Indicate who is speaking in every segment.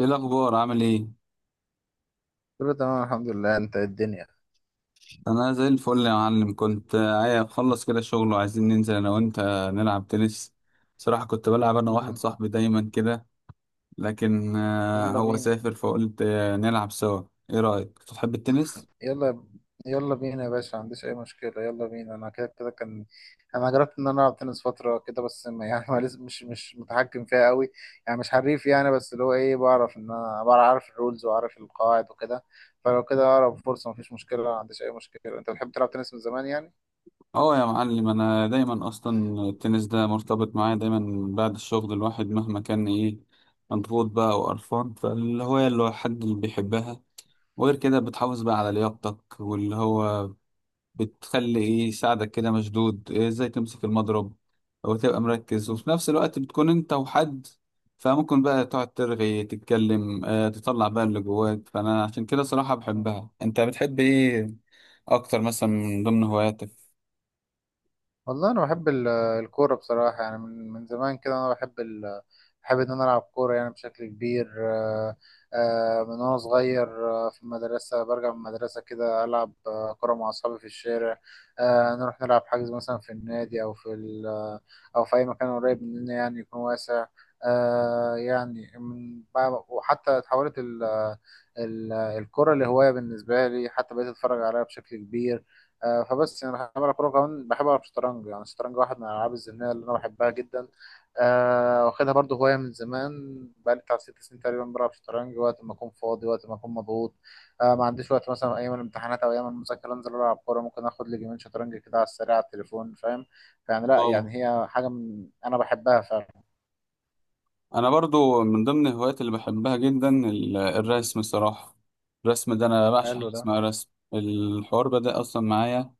Speaker 1: ايه الاخبار، عامل ايه؟
Speaker 2: كله تمام، الحمد لله. انت ايه الدنيا؟
Speaker 1: انا زي الفل يا معلم، كنت عايز اخلص كده شغل وعايزين ننزل انا وانت نلعب تنس. صراحة كنت بلعب انا واحد
Speaker 2: مم.
Speaker 1: صاحبي دايما كده، لكن
Speaker 2: يلا
Speaker 1: هو
Speaker 2: بينا.
Speaker 1: سافر فقلت نلعب سوا. ايه رأيك، بتحب التنس؟
Speaker 2: يلا. يلا بينا يا باشا، ما عنديش اي مشكله. يلا بينا. انا كده كده كان انا جربت ان انا العب تنس فتره كده، بس ما يعني ما لسه مش متحكم فيها قوي. يعني مش حريف، يعني بس اللي هو ايه، بعرف ان انا بعرف الرولز واعرف القواعد وكده. فلو كده اقرب فرصه، مفيش مشكله، ما عنديش اي مشكله. انت بتحب تلعب تنس من زمان يعني؟
Speaker 1: اه يا معلم، انا دايما اصلا التنس ده مرتبط معايا دايما بعد الشغل. الواحد مهما كان ايه مضغوط بقى وقرفان، فالهواية اللي هو حد اللي بيحبها. وغير كده بتحافظ بقى على لياقتك، واللي هو بتخلي ايه يساعدك كده مشدود، ازاي تمسك المضرب او تبقى مركز، وفي نفس الوقت بتكون انت وحد. فممكن بقى تقعد ترغي تتكلم، تطلع بقى اللي جواك، فانا عشان كده صراحة بحبها. انت بتحب ايه اكتر مثلا من ضمن هواياتك؟
Speaker 2: والله انا بحب الكوره بصراحه، يعني من زمان كده انا بحب ال... آه، بحب ان انا العب كوره يعني بشكل كبير. من وانا صغير، في المدرسه برجع من المدرسه كده العب كوره مع اصحابي في الشارع. نروح نلعب حجز مثلا في النادي او في ال... آه، او في اي مكان قريب مننا يعني يكون واسع. يعني وحتى اتحولت الكرة لهواية بالنسبة لي، حتى بقيت أتفرج عليها بشكل كبير. فبس يعني بحب ألعب كورة. كمان بحب ألعب شطرنج، يعني الشطرنج واحد من الألعاب الذهنية اللي أنا بحبها جدا. واخدها برضه هواية من زمان. بقالي بتاع 6 سنين تقريبا بلعب شطرنج، وقت ما أكون فاضي، وقت ما أكون مضغوط. ما عنديش وقت مثلا أيام الامتحانات أو أيام المذاكرة أنزل ألعب كورة. ممكن آخد لي جيمين شطرنج كده على السريع على التليفون، فاهم؟ فيعني لأ،
Speaker 1: اه،
Speaker 2: يعني هي حاجة من أنا بحبها فعلا.
Speaker 1: انا برضو من ضمن الهوايات اللي بحبها جدا الرسم صراحة. الرسم ده انا بعشق
Speaker 2: حلو
Speaker 1: حاجة
Speaker 2: ده.
Speaker 1: اسمها رسم الحوار، بدأ اصلا معايا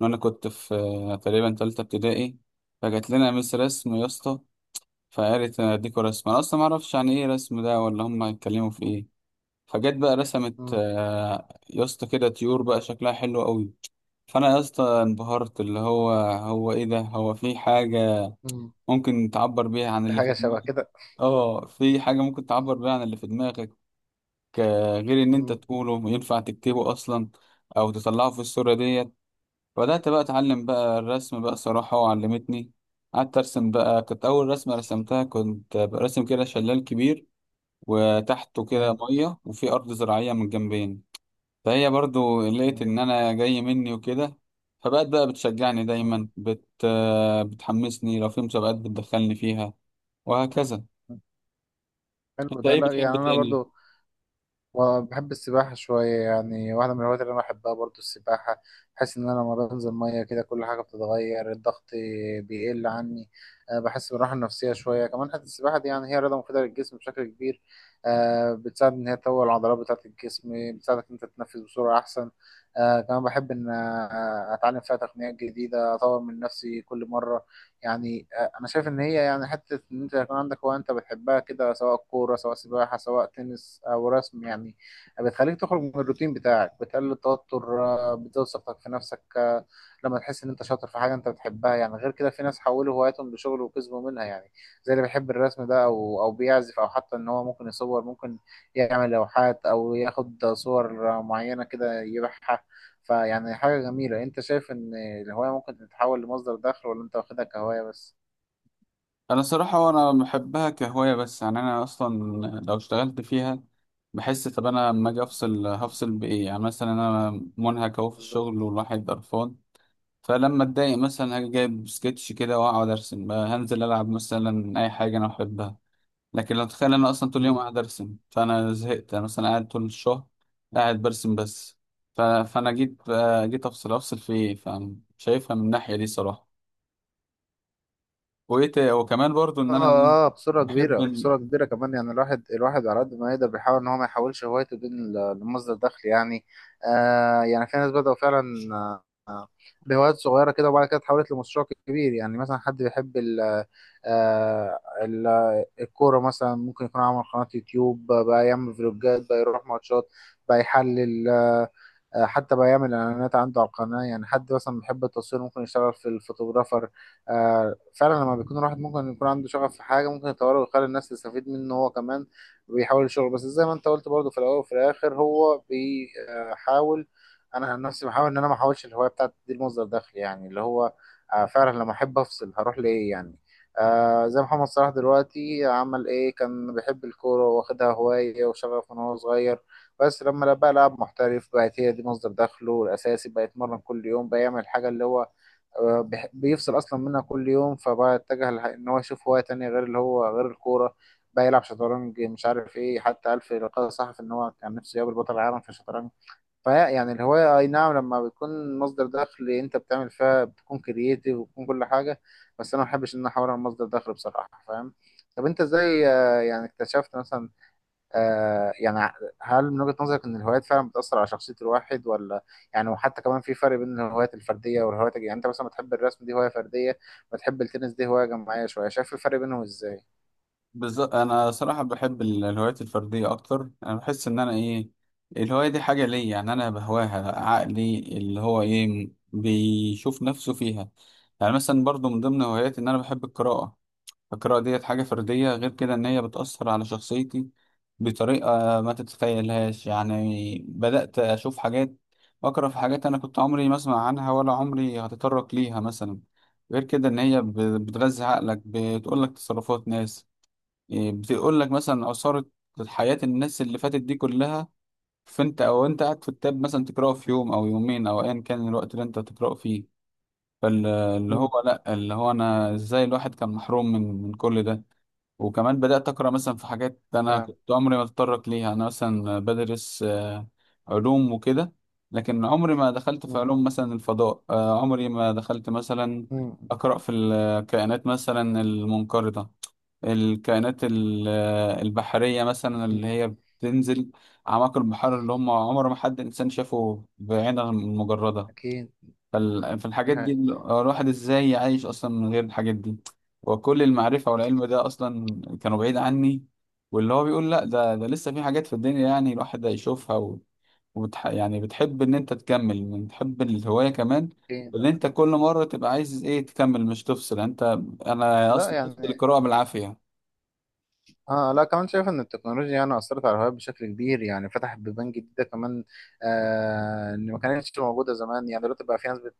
Speaker 1: وانا كنت في تقريبا تالتة ابتدائي. فجات لنا مس رسم يا اسطى، فقالت اديكوا رسم. انا اصلا ما اعرفش يعني ايه رسم ده، ولا هم هيتكلموا في ايه. فجت بقى رسمت
Speaker 2: مم.
Speaker 1: يا اسطى كده طيور بقى شكلها حلو قوي. فانا يا اسطى انبهرت، اللي هو ايه ده، هو في حاجه
Speaker 2: مم.
Speaker 1: ممكن تعبر بيها عن اللي في
Speaker 2: حاجة شبه
Speaker 1: دماغك؟
Speaker 2: كده.
Speaker 1: اه، في حاجه ممكن تعبر بيها عن اللي في دماغك، غير ان انت
Speaker 2: مم.
Speaker 1: تقوله ينفع تكتبه اصلا او تطلعه في الصوره ديت. بدأت بقى أتعلم بقى الرسم بقى صراحة، وعلمتني قعدت أرسم بقى. كانت أول رسمة رسمتها كنت برسم كده شلال كبير، وتحته كده
Speaker 2: جامد.
Speaker 1: مية، وفي أرض زراعية من الجنبين. فهي برضو لقيت
Speaker 2: مم.
Speaker 1: إن أنا جاي مني وكده، فبقت بقى بتشجعني دايما،
Speaker 2: مم.
Speaker 1: بتحمسني، لو في مسابقات بتدخلني فيها، وهكذا.
Speaker 2: حلو
Speaker 1: أنت
Speaker 2: ده.
Speaker 1: إيه
Speaker 2: لا
Speaker 1: بتحب
Speaker 2: يعني انا
Speaker 1: تاني؟
Speaker 2: برضو وبحب السباحة شوية، يعني واحدة من الهوايات اللي أنا بحبها برضو السباحة. بحس إن أنا لما بنزل مية كده كل حاجة بتتغير، الضغط بيقل عني. أه، بحس بالراحة النفسية شوية كمان. حتى السباحة دي يعني هي رياضة مفيدة للجسم بشكل كبير. أه، بتساعد إن هي تقوي العضلات بتاعة الجسم، بتساعدك إن أنت تتنفس بسرعة أحسن. أه كمان بحب إن أتعلم فيها تقنيات جديدة، أطور من نفسي كل مرة يعني. انا شايف ان هي يعني حته ان انت يكون عندك هوايه انت بتحبها كده، سواء كوره، سواء سباحه، سواء تنس او رسم يعني. بتخليك تخرج من الروتين بتاعك، بتقلل التوتر، بتزود ثقتك في نفسك. لما تحس ان انت شاطر في حاجه انت بتحبها يعني. غير كده، في ناس حولوا هواياتهم لشغل وكسبوا منها يعني، زي اللي بيحب الرسم ده، او بيعزف، او حتى ان هو ممكن يصور، ممكن يعمل لوحات او ياخد صور معينه كده يبيعها. فيعني حاجة جميلة. انت شايف ان الهواية ممكن تتحول لمصدر دخل، ولا انت واخدها كهواية بس؟
Speaker 1: انا صراحة انا بحبها كهواية بس. يعني انا اصلا لو اشتغلت فيها بحس، طب انا لما
Speaker 2: مم.
Speaker 1: اجي افصل هفصل بايه؟ يعني مثلا انا منهك اهو في الشغل
Speaker 2: بالظبط.
Speaker 1: والواحد قرفان، فلما اتضايق مثلا هاجي جايب سكتش كده واقعد ارسم بقى، هنزل العب مثلا اي حاجة انا بحبها. لكن لو تخيل انا اصلا طول اليوم
Speaker 2: مم.
Speaker 1: قاعد ارسم فانا زهقت. انا مثلا قاعد طول الشهر قاعد برسم بس، فانا جيت افصل في ايه؟ فشايفها من الناحية دي صراحة. وكمان برضو ان انا
Speaker 2: اه، اه، بصورة
Speaker 1: بحب
Speaker 2: كبيرة، بصورة كبيرة كمان. يعني الواحد، الواحد على قد ما يقدر بيحاول ان هو ما يحولش هوايته دي لمصدر دخل يعني. آه، يعني في ناس بدأوا فعلا، آه آه، بهوايات صغيرة كده وبعد كده اتحولت لمشروع كبير. يعني مثلا حد بيحب ال آه ال الكورة مثلا، ممكن يكون عمل قناة يوتيوب بقى، يعمل فلوجات، بقى يروح ماتشات بقى يحلل. حتى بقى يعمل اعلانات عنده على القناه. يعني حد مثلا بيحب التصوير ممكن يشتغل في الفوتوغرافر. فعلا لما بيكون الواحد ممكن يكون عنده شغف في حاجه ممكن يطوره ويخلي الناس تستفيد منه هو كمان، بيحاول يشتغل. بس زي ما انت قلت، برضه في الاول وفي الاخر هو بيحاول. انا عن نفسي بحاول ان انا ما احاولش الهوايه بتاعتي دي لمصدر دخل، يعني اللي هو فعلا لما احب افصل هروح لايه يعني. آه، زي محمد صلاح دلوقتي، عمل ايه؟ كان بيحب الكورة، واخدها هواية وشغف من هو صغير. بس لما بقى لاعب محترف، بقت هي دي مصدر دخله الأساسي، بقى يتمرن كل يوم، بقى يعمل حاجة اللي هو بيفصل أصلا منها كل يوم. فبقى اتجه إن هو يشوف هواية تانية غير اللي هو غير الكورة. بقى يلعب شطرنج، مش عارف إيه. حتى قال في لقاء صحفي إن هو كان نفسه يقابل بطل العالم في الشطرنج. فهي يعني الهواية، أي نعم لما بتكون مصدر دخل أنت بتعمل فيها بتكون كرييتيف وبتكون كل حاجة، بس أنا ما بحبش إن أنا أحولها لمصدر دخل بصراحة، فاهم؟ طب أنت إزاي يعني اكتشفت مثلا، آه يعني، هل من وجهة نظرك ان الهوايات فعلا بتأثر على شخصية الواحد ولا؟ يعني وحتى كمان في فرق بين الهوايات الفردية والهوايات يعني انت مثلا بتحب الرسم، دي هواية فردية. بتحب التنس، دي هواية جماعية شوية. شايف الفرق بينهم ازاي؟
Speaker 1: بالظبط. انا صراحه بحب الهوايات الفرديه اكتر. انا بحس ان انا الهوايه دي حاجه ليا، يعني انا بهواها. عقلي اللي هو بيشوف نفسه فيها. يعني مثلا برضو من ضمن هواياتي ان انا بحب القراءه. القراءه ديت حاجه فرديه، غير كده ان هي بتاثر على شخصيتي بطريقه ما تتخيلهاش. يعني بدات اشوف حاجات، اقرا في حاجات انا كنت عمري ما اسمع عنها ولا عمري هتطرق ليها مثلا. غير كده ان هي بتغذي عقلك، بتقول لك تصرفات ناس، بتقول لك مثلا أثارت حياة الناس اللي فاتت دي كلها. فأنت، أو أنت قاعد في التاب مثلا تقرأه في يوم أو يومين أو أيا كان الوقت اللي أنت تقرأه فيه، فاللي
Speaker 2: مم.
Speaker 1: هو لأ، اللي هو أنا إزاي الواحد كان محروم من كل ده؟ وكمان بدأت أقرأ مثلا في حاجات أنا
Speaker 2: فاهم.
Speaker 1: كنت عمري ما أتطرق ليها. أنا مثلا بدرس علوم وكده، لكن عمري ما دخلت في
Speaker 2: مم.
Speaker 1: علوم مثلا الفضاء، عمري ما دخلت مثلا
Speaker 2: مم.
Speaker 1: أقرأ في الكائنات مثلا المنقرضة، الكائنات البحرية مثلا اللي هي بتنزل أعماق البحر، اللي هم عمر ما حد إنسان شافه بعينه المجردة.
Speaker 2: أكيد. ده
Speaker 1: فالحاجات دي،
Speaker 2: حقيقي.
Speaker 1: الواحد إزاي يعيش أصلا من غير الحاجات دي؟ وكل المعرفة والعلم ده أصلا كانوا بعيد عني، واللي هو بيقول لأ، ده لسه في حاجات في الدنيا يعني الواحد هيشوفها يعني بتحب إن أنت تكمل، من تحب الهواية كمان
Speaker 2: أكيد.
Speaker 1: اللي أنت كل مرة تبقى عايز إيه تكمل، مش تفصل يعني أنت. أنا
Speaker 2: لا
Speaker 1: أصلا بفصل
Speaker 2: يعني،
Speaker 1: القراءة بالعافية.
Speaker 2: اه، لا كمان شايف ان التكنولوجيا يعني اثرت على الهوايات بشكل كبير، يعني فتحت بيبان جديده كمان. آه، ان ما كانتش موجوده زمان. يعني دلوقتي بقى في ناس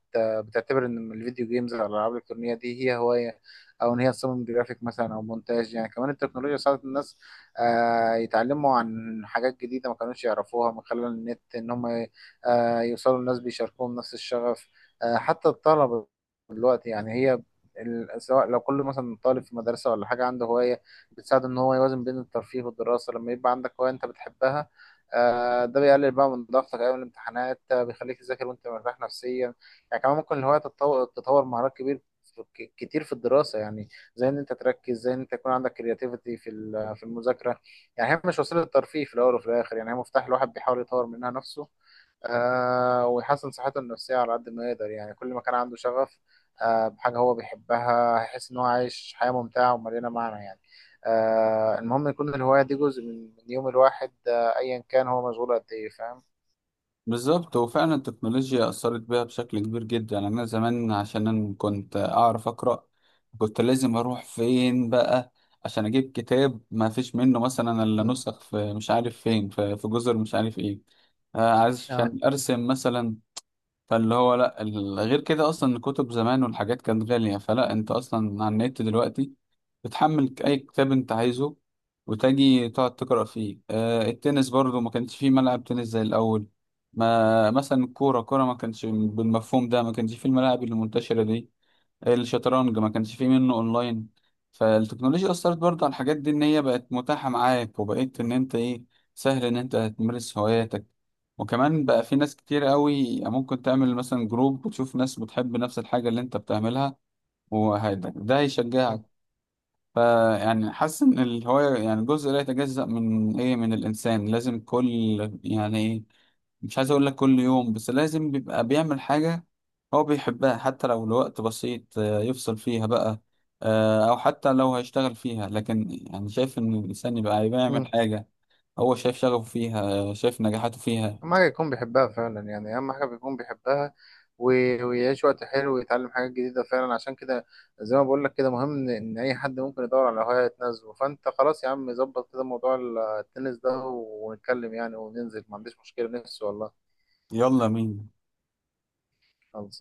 Speaker 2: بتعتبر ان الفيديو جيمز او الالعاب الالكترونيه دي هي هوايه، او ان هي تصمم جرافيك مثلا او مونتاج. يعني كمان التكنولوجيا ساعدت الناس آه يتعلموا عن حاجات جديده ما كانوش يعرفوها من خلال النت، ان هم آه يوصلوا لناس بيشاركوهم نفس الشغف. آه، حتى الطلبه دلوقتي، يعني هي سواء لو كل مثلا طالب في مدرسه ولا حاجه عنده هوايه، بتساعده ان هو يوازن بين الترفيه والدراسه. لما يبقى عندك هوايه انت بتحبها، ده بيقلل بقى من ضغطك ايام الامتحانات، بيخليك تذاكر وانت مرتاح نفسيا يعني. كمان ممكن الهوايه تطور مهارات كتير في الدراسه يعني. زي ان انت تركز، زي ان انت يكون عندك كرياتيفيتي في في المذاكره. يعني هي مش وسيله ترفيه. في الاول وفي الاخر يعني هي مفتاح، الواحد بيحاول يطور منها نفسه. آه، ويحسن صحته النفسية على قد ما يقدر يعني. كل ما كان عنده شغف بحاجة هو بيحبها، هيحس إن هو عايش حياة ممتعة ومليانة معنى يعني. آه، المهم يكون الهواية دي جزء من يوم الواحد، آه أيا كان هو مشغول قد إيه، فاهم؟
Speaker 1: بالظبط، هو فعلا التكنولوجيا أثرت بيها بشكل كبير جدا. يعني أنا زمان عشان أنا كنت أعرف أقرأ كنت لازم أروح فين بقى عشان أجيب كتاب ما فيش منه مثلا إلا
Speaker 2: مم.
Speaker 1: نسخ في مش عارف فين، في جزر مش عارف إيه،
Speaker 2: آه.
Speaker 1: عشان أرسم مثلا. فاللي هو لا، غير كده اصلا الكتب زمان والحاجات كانت غالية، فلا انت اصلا على النت دلوقتي بتحمل اي كتاب انت عايزه وتجي تقعد تقرأ فيه. التنس برضو ما كانش فيه ملعب تنس زي الاول، ما مثلا الكورة كورة ما كانش بالمفهوم ده، ما كانش فيه الملاعب المنتشرة دي. الشطرنج ما كانش فيه منه اونلاين. فالتكنولوجيا اثرت برضه على الحاجات دي، ان هي بقت متاحه معاك، وبقيت ان انت ايه سهل ان انت تمارس هواياتك. وكمان بقى في ناس كتير قوي ممكن تعمل مثلا جروب وتشوف ناس بتحب نفس الحاجه اللي انت بتعملها، وهيدا ده هيشجعك.
Speaker 2: مم.
Speaker 1: فيعني حاسس ان الهوايه يعني جزء لا يتجزأ من ايه، من الانسان. لازم كل، يعني ايه، مش عايز اقول لك كل يوم، بس لازم بيبقى بيعمل حاجة هو بيحبها، حتى لو لوقت بسيط يفصل فيها بقى، او حتى لو هيشتغل فيها، لكن يعني شايف ان الانسان يبقى بيعمل
Speaker 2: مم.
Speaker 1: حاجة هو شايف شغفه فيها، شايف نجاحاته فيها.
Speaker 2: أهم حاجة يكون بيحبها فعلا يعني. أهم حاجة بيكون بيحبها ويعيش وقت حلو ويتعلم حاجات جديدة فعلا. عشان كده، زي ما بقول لك كده، مهم إن أي حد ممكن يدور على هواية تناسبه. فأنت خلاص يا عم، ظبط كده موضوع التنس ده ونتكلم، يعني وننزل، ما عنديش مشكلة نفسي والله.
Speaker 1: يلا مين